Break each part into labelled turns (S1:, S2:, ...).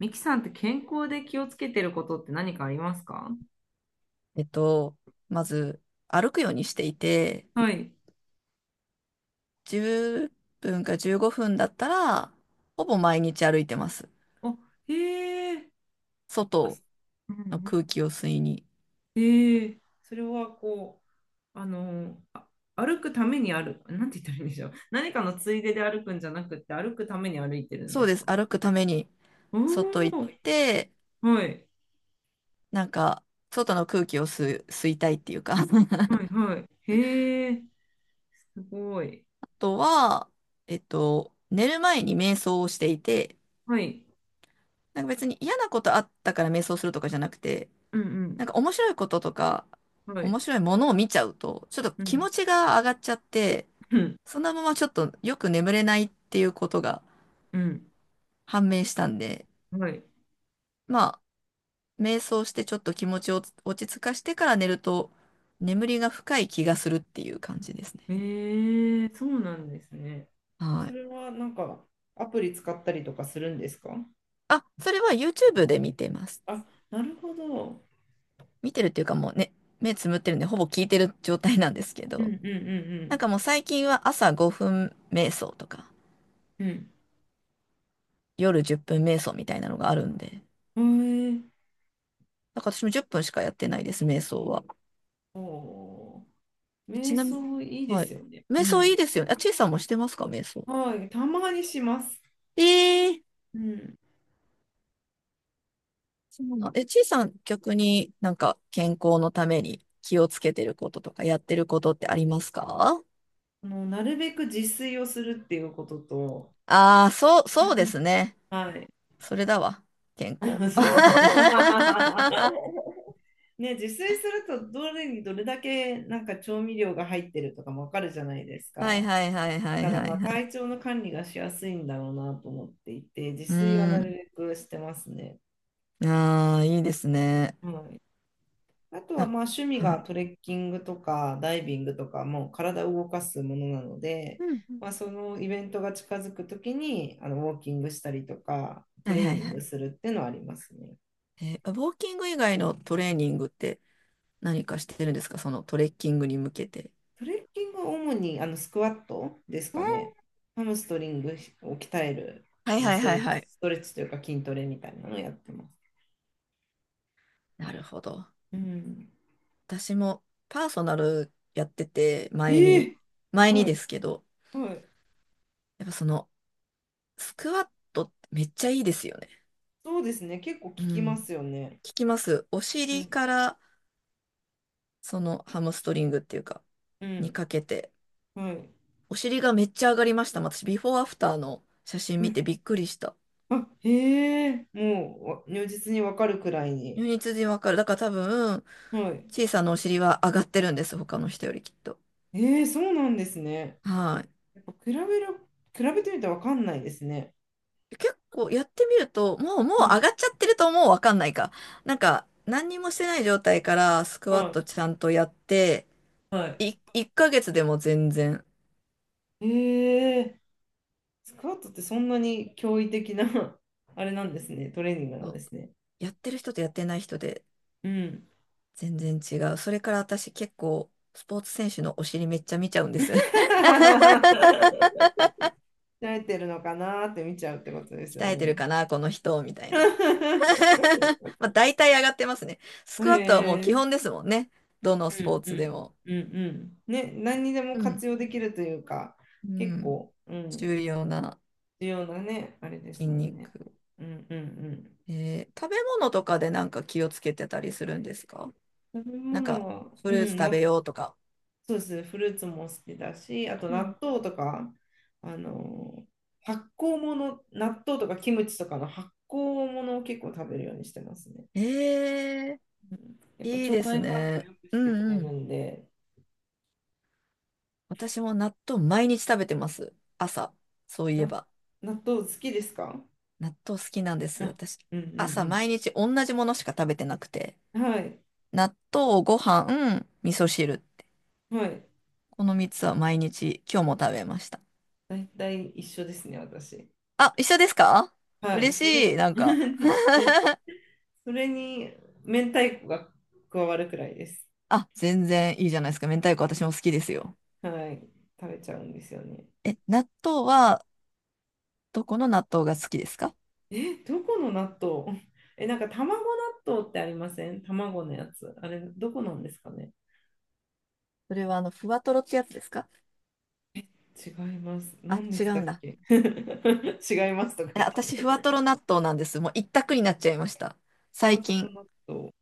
S1: ミキさんって健康で気をつけてることって何かありますか？
S2: えっと、まず歩くようにしていて、
S1: はい。
S2: 10分か15分だったら、ほぼ毎日歩いてます。
S1: あ、へえ、あ、
S2: 外
S1: す、うんう
S2: の
S1: ん、
S2: 空気を吸いに。
S1: へえ、それはこう、あ、歩くために歩く、なんて言ったらいいんでしょう。何かのついでで歩くんじゃなくて、歩くために歩いてるん
S2: そ
S1: で
S2: う
S1: す
S2: です。
S1: か？
S2: 歩くために
S1: お
S2: 外行っ
S1: おー、
S2: て、
S1: はい、
S2: なんか、外の空気を吸う、吸いたいっていうか。あ
S1: はい、はい。へえ、すごい。
S2: とは、寝る前に瞑想をしていて、
S1: はい、
S2: なんか別に嫌なことあったから瞑想するとかじゃなくて、
S1: うん、
S2: なんか面白いこととか、
S1: うん、はい、
S2: 面白いものを見ちゃうと、ちょっと
S1: う
S2: 気
S1: ん、
S2: 持ちが上がっちゃって、
S1: うん、
S2: そのままちょっとよく眠れないっていうことが
S1: うん、
S2: 判明したんで、
S1: はい。
S2: まあ、瞑想してちょっと気持ちを落ち着かしてから寝ると、眠りが深い気がするっていう感じですね。
S1: ええ、そうなんですね。
S2: は
S1: そ
S2: い。
S1: れはなんかアプリ使ったりとかするんですか？
S2: あ、それは YouTube で見てます。
S1: あ、なるほど。
S2: 見てるっていうかもうね、目つむってるんで、ほぼ聞いてる状態なんですけ
S1: うんう
S2: ど、
S1: ん
S2: な
S1: う
S2: んかもう最近は朝5分瞑想とか、
S1: んうん
S2: 夜10分瞑想みたいなのがあるんで、
S1: うん。へえ。
S2: なんか私も10分しかやってないです、瞑想は。
S1: おー、
S2: えち
S1: 瞑
S2: なみに、
S1: 想いいで
S2: は
S1: す
S2: い。
S1: よね。う
S2: 瞑想
S1: ん。
S2: いいですよね。あ、ちいさんもしてますか、瞑想。
S1: はい、たまにします。
S2: ええ
S1: うん。
S2: そうなの。え、ちいさん、逆になんか健康のために気をつけてることとかやってることってありますか？
S1: なるべく自炊をするっていうことと、
S2: ああー、そう、そう
S1: う
S2: で
S1: ん、
S2: すね。
S1: はい。
S2: それだわ。健
S1: そ
S2: 康。
S1: れと
S2: は
S1: ね、自炊するとどれにどれだけなんか調味料が入ってるとかもわかるじゃないです
S2: いはい
S1: か。
S2: はいはいは
S1: だ
S2: い
S1: からまあ
S2: はい。
S1: 体調の管理がしやすいんだろうなと思っていて、自
S2: う
S1: 炊はなる
S2: ん。
S1: べくしてますね。
S2: ああ、いいですね。
S1: はい、あとは
S2: な
S1: まあ趣味
S2: は
S1: が
S2: い。
S1: トレッキングとかダイビングとか、もう体を動かすものなので、
S2: うんうん。
S1: まあ、そのイベントが近づくときにウォーキングしたりとか、ト
S2: はい
S1: レー
S2: はい
S1: ニ
S2: は
S1: ング
S2: い。
S1: するっていうのはありますね。
S2: えーウォーキング以外のトレーニングって何かしてるんですか、そのトレッキングに向けて。
S1: トレッキングは主にスクワットです
S2: う
S1: か
S2: ん
S1: ね。ハムストリングを鍛える
S2: はいはいはいはい。
S1: ストレッチというか筋トレみたいなのをやってます。
S2: なるほど。
S1: うん、
S2: 私もパーソナルやってて、前
S1: え
S2: に、
S1: え、
S2: 前に
S1: は
S2: で
S1: い。
S2: すけど、
S1: はい。
S2: やっぱその、スクワットってめっちゃいいですよね。
S1: そうですね。結構聞
S2: う
S1: きま
S2: ん。
S1: すよね。
S2: 聞きます。お
S1: う
S2: 尻
S1: ん。
S2: から、その、ハムストリングっていうか、
S1: う
S2: に
S1: ん。
S2: かけて、
S1: はい。
S2: お尻がめっちゃ上がりました。私、ビフォーアフターの写真
S1: う
S2: 見
S1: ん、
S2: てびっくりした。
S1: あ、へえ、もうわ、如実にわかるくらいに。
S2: 如実にわかる。だから多分、
S1: はい。
S2: 小さなお尻は上がってるんです。他の人よりきっと。
S1: ええ、そうなんですね。
S2: はい。
S1: やっぱ比べてみてわかんないですね。
S2: 結構やってみると、もう、もう
S1: うん。
S2: 上がっちゃってるともうわかんないか。なんか、何にもしてない状態からスクワット
S1: は、
S2: ちゃんとやって、
S1: はい。はい。
S2: い、1ヶ月でも全然、
S1: ええ、スクワットってそんなに驚異的な あれなんですね。トレーニングな
S2: そ
S1: んで
S2: う
S1: すね。
S2: やってる人とやってない人で
S1: うん。
S2: 全然違う。それから私結構、スポーツ選手のお尻めっちゃ見ちゃうんです。
S1: 慣れてるのかなーって見ちゃうってことですよ
S2: 鍛えてる
S1: ね。
S2: かな、この人、みたいな。まあ、大体上がってますね。スクワットはもう
S1: へ
S2: 基
S1: え。
S2: 本ですもんね。どの
S1: う
S2: スポ
S1: ん
S2: ー
S1: う
S2: ツで
S1: ん
S2: も。
S1: うんうん、ね、何にでも
S2: うん。
S1: 活用できるというか
S2: う
S1: 結
S2: ん。
S1: 構、うん、
S2: 重要な
S1: 重要なね、あれです
S2: 筋
S1: も
S2: 肉。
S1: んね。うんうん、
S2: えー食べ物とかでなんか気をつけてたりするんですか？
S1: うん、食べ
S2: なんか、
S1: 物は、
S2: フ
S1: う
S2: ルーツ
S1: ん、
S2: 食べ
S1: な、
S2: ようとか。
S1: そうです、フルーツも好きだしあと
S2: う
S1: 納
S2: ん。
S1: 豆とかあの発酵物、納豆とかキムチとかの発酵物を結構食べるようにしてますね。
S2: えー、
S1: うん、やっぱ
S2: いい
S1: 腸
S2: です
S1: 内環境を
S2: ね。
S1: 良く
S2: う
S1: してく
S2: ん
S1: れ
S2: う
S1: る
S2: ん。
S1: んで、
S2: 私も納豆毎日食べてます。朝。そうい
S1: な
S2: えば。
S1: 納豆好きですか？
S2: 納豆好きなんです。
S1: あ、
S2: 私、
S1: うんう
S2: 朝
S1: ん、
S2: 毎日同じものしか食べてなくて。
S1: うん、はい
S2: 納豆、ご飯、味噌汁。
S1: はい、
S2: この3つは毎日、今日も食べました。
S1: 大体一緒ですね、私。
S2: あ、一緒ですか？
S1: はい、
S2: 嬉
S1: そ
S2: しい。
S1: れ、
S2: な んか
S1: ね、それに明太子が加わるくらいです。
S2: あ、全然いいじゃないですか。明太子私も好きですよ。
S1: はい、食べちゃうんですよね。
S2: え、納豆は、どこの納豆が好きですか？
S1: え、どこの納豆 え、なんか卵納豆ってありません？卵のやつ。あれ、どこなんですかね？
S2: それはあの、ふわとろってやつですか？
S1: 違います。
S2: あ、
S1: 何で
S2: 違
S1: した
S2: う
S1: っ
S2: んだ。
S1: け 違いますとか
S2: え、
S1: 言っ
S2: 私、ふ
S1: て。
S2: わとろ納豆なんです。もう一択になっちゃいました。
S1: ふ
S2: 最
S1: わとろ
S2: 近。
S1: 納豆。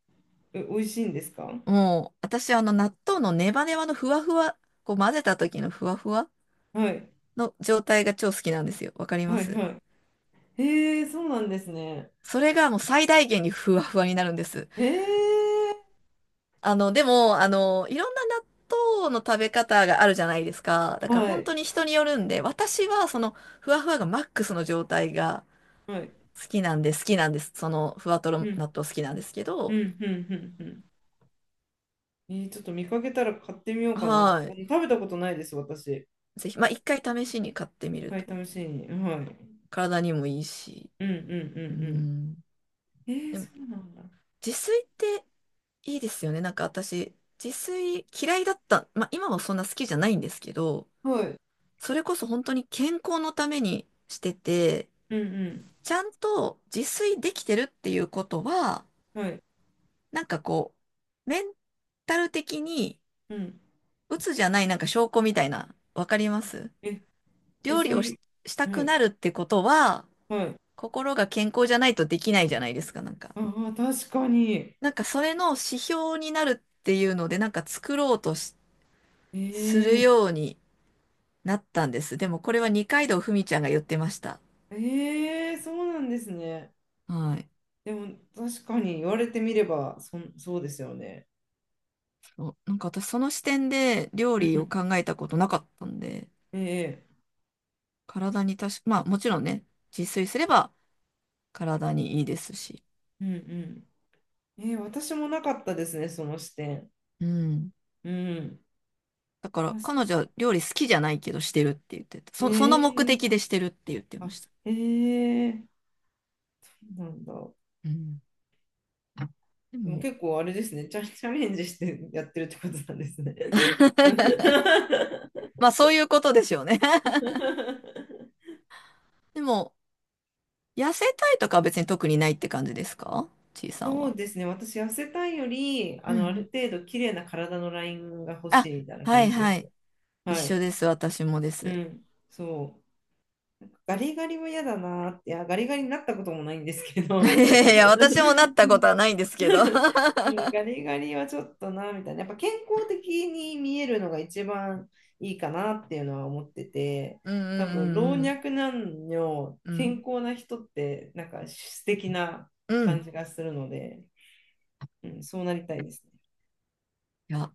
S1: え、美味しいんですか？
S2: もう、私、あの、納豆のネバネバのふわふわ、こう混ぜた時のふわふわ
S1: はい、
S2: の状態が超好きなんですよ。わかりま
S1: はい、
S2: す
S1: はい。へえー、そうなんですね。
S2: それがもう最大限にふわふわになるんです。
S1: へえ、
S2: あの、でも、あの、いろんな納豆の食べ方があるじゃないですか。だから
S1: は
S2: 本当
S1: い、
S2: に人によるんで、私はそのふわふわがマックスの状態が
S1: はい。
S2: 好きなんで、好きなんです。その、ふわとろ
S1: う
S2: 納
S1: ん
S2: 豆好きなんですけ
S1: うん
S2: ど、
S1: うんうんうん。えーちょっと見かけたら買ってみようかな。
S2: は
S1: 食べたことないです、私。
S2: い。ぜひ、まあ、一回試しに買って
S1: 一
S2: みる
S1: 回
S2: と、
S1: 試しに。はい。
S2: 体にもいいし、
S1: うんうんう
S2: う
S1: んうん。
S2: ん。
S1: えー、
S2: でも、
S1: そうなんだ。
S2: 自炊っていいですよね。なんか私、自炊嫌いだった。まあ、今もそんな好きじゃないんですけど、
S1: はい。
S2: それこそ本当に健康のためにしてて、
S1: うん
S2: ちゃんと自炊できてるっていうことは、
S1: うん。はい。
S2: なんかこう、メンタル的に、
S1: うん。
S2: 鬱じゃないなんか証拠みたいな、わかります
S1: え、え、
S2: 料
S1: そ
S2: 理
S1: う
S2: を
S1: い
S2: し、
S1: う。
S2: した
S1: は
S2: く
S1: い。
S2: なるってことは、
S1: はい。
S2: 心が健康じゃないとできないじゃないですか、なんか。
S1: ああ、確かに。
S2: なんかそれの指標になるっていうので、なんか作ろうとしする
S1: えー、
S2: ようになったんです。でもこれは二階堂ふみちゃんが言ってました。
S1: えー、そうなんですね。
S2: はい。
S1: でも、確かに言われてみれば、そうですよね。
S2: そうなんか私その視点で料
S1: う
S2: 理を
S1: ん。
S2: 考えたことなかったんで、
S1: え
S2: 体にたしまあもちろんね、自炊すれば体にいいですし。
S1: ー、うんうん。えー、私もなかったですね、その視点。
S2: うん。
S1: うん。
S2: だから
S1: 確
S2: 彼
S1: か
S2: 女
S1: に。
S2: は料理好きじゃないけどしてるって言ってた。そ、そ
S1: え
S2: の目
S1: え、
S2: 的でしてるって言ってま
S1: あ、
S2: した。
S1: ええ、そうなんだ。
S2: うん。で
S1: でも
S2: も、
S1: 結構あれですね、チャレンジしてやってるってことなんですね。
S2: まあそういうことでしょうね でも、痩せたいとかは別に特にないって感じですか、ちいさん
S1: そう
S2: は。
S1: ですね、私、痩せたいより、
S2: うんう
S1: ある
S2: ん。
S1: 程度綺麗な体のラインが欲
S2: あ、
S1: しいみたいな
S2: は
S1: 感
S2: い
S1: じで
S2: はい。
S1: す。
S2: 一
S1: は
S2: 緒
S1: い。
S2: です。私もで
S1: う
S2: す。
S1: ん、そう。ガリガリは嫌だなーって、いや、ガリガリになったこともないんですけ
S2: い
S1: ど、
S2: や いやいや、私もなったことはないんです けど
S1: うん、ガリガリはちょっとな、みたいな。やっぱ健康的に見えるのが一番いいかなっていうのは思ってて、
S2: うん
S1: 多分老
S2: うん
S1: 若男女、
S2: うんう
S1: 健
S2: ん。
S1: 康な人って、なんか素敵な
S2: うん。う
S1: 感
S2: ん。
S1: じがするので、うん、そうなりたいです
S2: いや、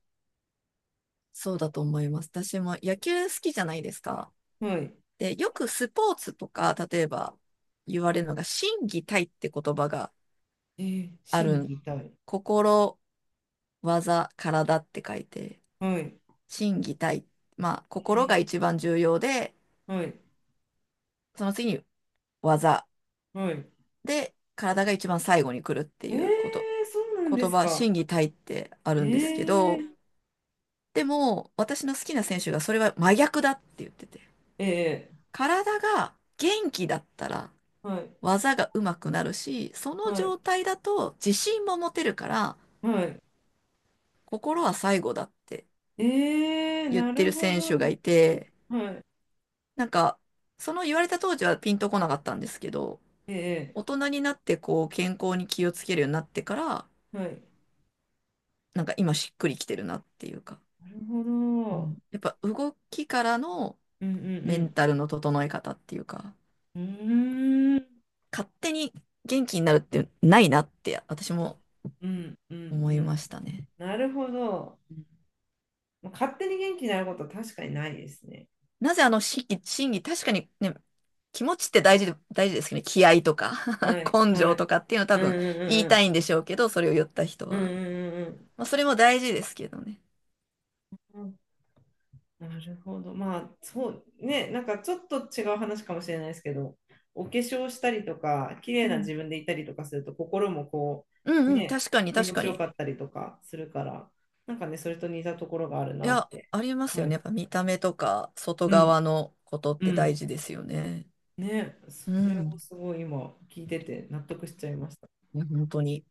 S2: そうだと思います。私も野球好きじゃないですか。
S1: ね。はい。
S2: で、よくスポーツとか、例えば言われるのが、心技体って言葉が
S1: えー、
S2: あるん。
S1: 心たい、
S2: 心技、体って書いて、
S1: はい。
S2: 心技体。まあ、心が一番重要で、
S1: はい。
S2: その次に技。
S1: はい。
S2: で、体が一番最後に来るって
S1: えー、
S2: いうこと。
S1: そうなんで
S2: 言
S1: す
S2: 葉、
S1: か。
S2: 心技体ってあ
S1: え
S2: るんですけど、
S1: ー、
S2: でも、私の好きな選手がそれは真逆だって言ってて。
S1: え
S2: 体が元気だったら、
S1: ー、はい。
S2: 技が上手くなるし、その
S1: はい。
S2: 状態だと自信も持てるから、
S1: はい。
S2: 心は最後だって
S1: えー、
S2: 言っ
S1: な
S2: て
S1: る
S2: る
S1: ほ
S2: 選手が
S1: ど。
S2: いて、
S1: はい。
S2: なんか、その言われた当時はピンとこなかったんですけど、
S1: え、
S2: 大人になってこう健康に気をつけるようになってから、
S1: はい。
S2: なんか今しっくりきてるなっていうか、
S1: なるほ
S2: う
S1: ど。
S2: ん、やっぱ動きからの
S1: うんう
S2: メン
S1: ん
S2: タルの整え方っていうか、
S1: うん。うーん。
S2: 勝手に元気になるってないなって私も
S1: うんうんう
S2: 思いま
S1: ん。
S2: したね。
S1: なるほど。
S2: うん
S1: まあ勝手に元気になることは確かにないですね。
S2: なぜあの心技、心技、確かにね、気持ちって大事で、大事ですけどね、気合とか
S1: は い
S2: 根
S1: は
S2: 性と
S1: い。
S2: かっていうのは多
S1: うん
S2: 分
S1: う
S2: 言
S1: ん
S2: い
S1: う
S2: た
S1: ん
S2: いんでしょうけど、それを言った人
S1: うんう
S2: は。
S1: んうん
S2: まあそれも大事ですけどね。
S1: うんうん。なるほど。まあそうね、なんかちょっと違う話かもしれないですけど、お化粧したりとか、綺
S2: う
S1: 麗な
S2: ん。
S1: 自分でいたりとかすると、心もこ
S2: う
S1: う、
S2: んうん、
S1: ね、
S2: 確かに
S1: 気
S2: 確
S1: 持
S2: か
S1: ちよ
S2: に。
S1: かったりとかするから、なんかね、それと似たところがある
S2: い
S1: なっ
S2: や、
S1: て。
S2: あります
S1: は
S2: よね。や
S1: い。
S2: っぱ見た目とか、外
S1: うん
S2: 側のことっ
S1: う
S2: て
S1: ん。
S2: 大事ですよね。
S1: ね、そ
S2: う
S1: れを
S2: ん。
S1: すごい今聞いてて納得しちゃいました。
S2: いや本当に。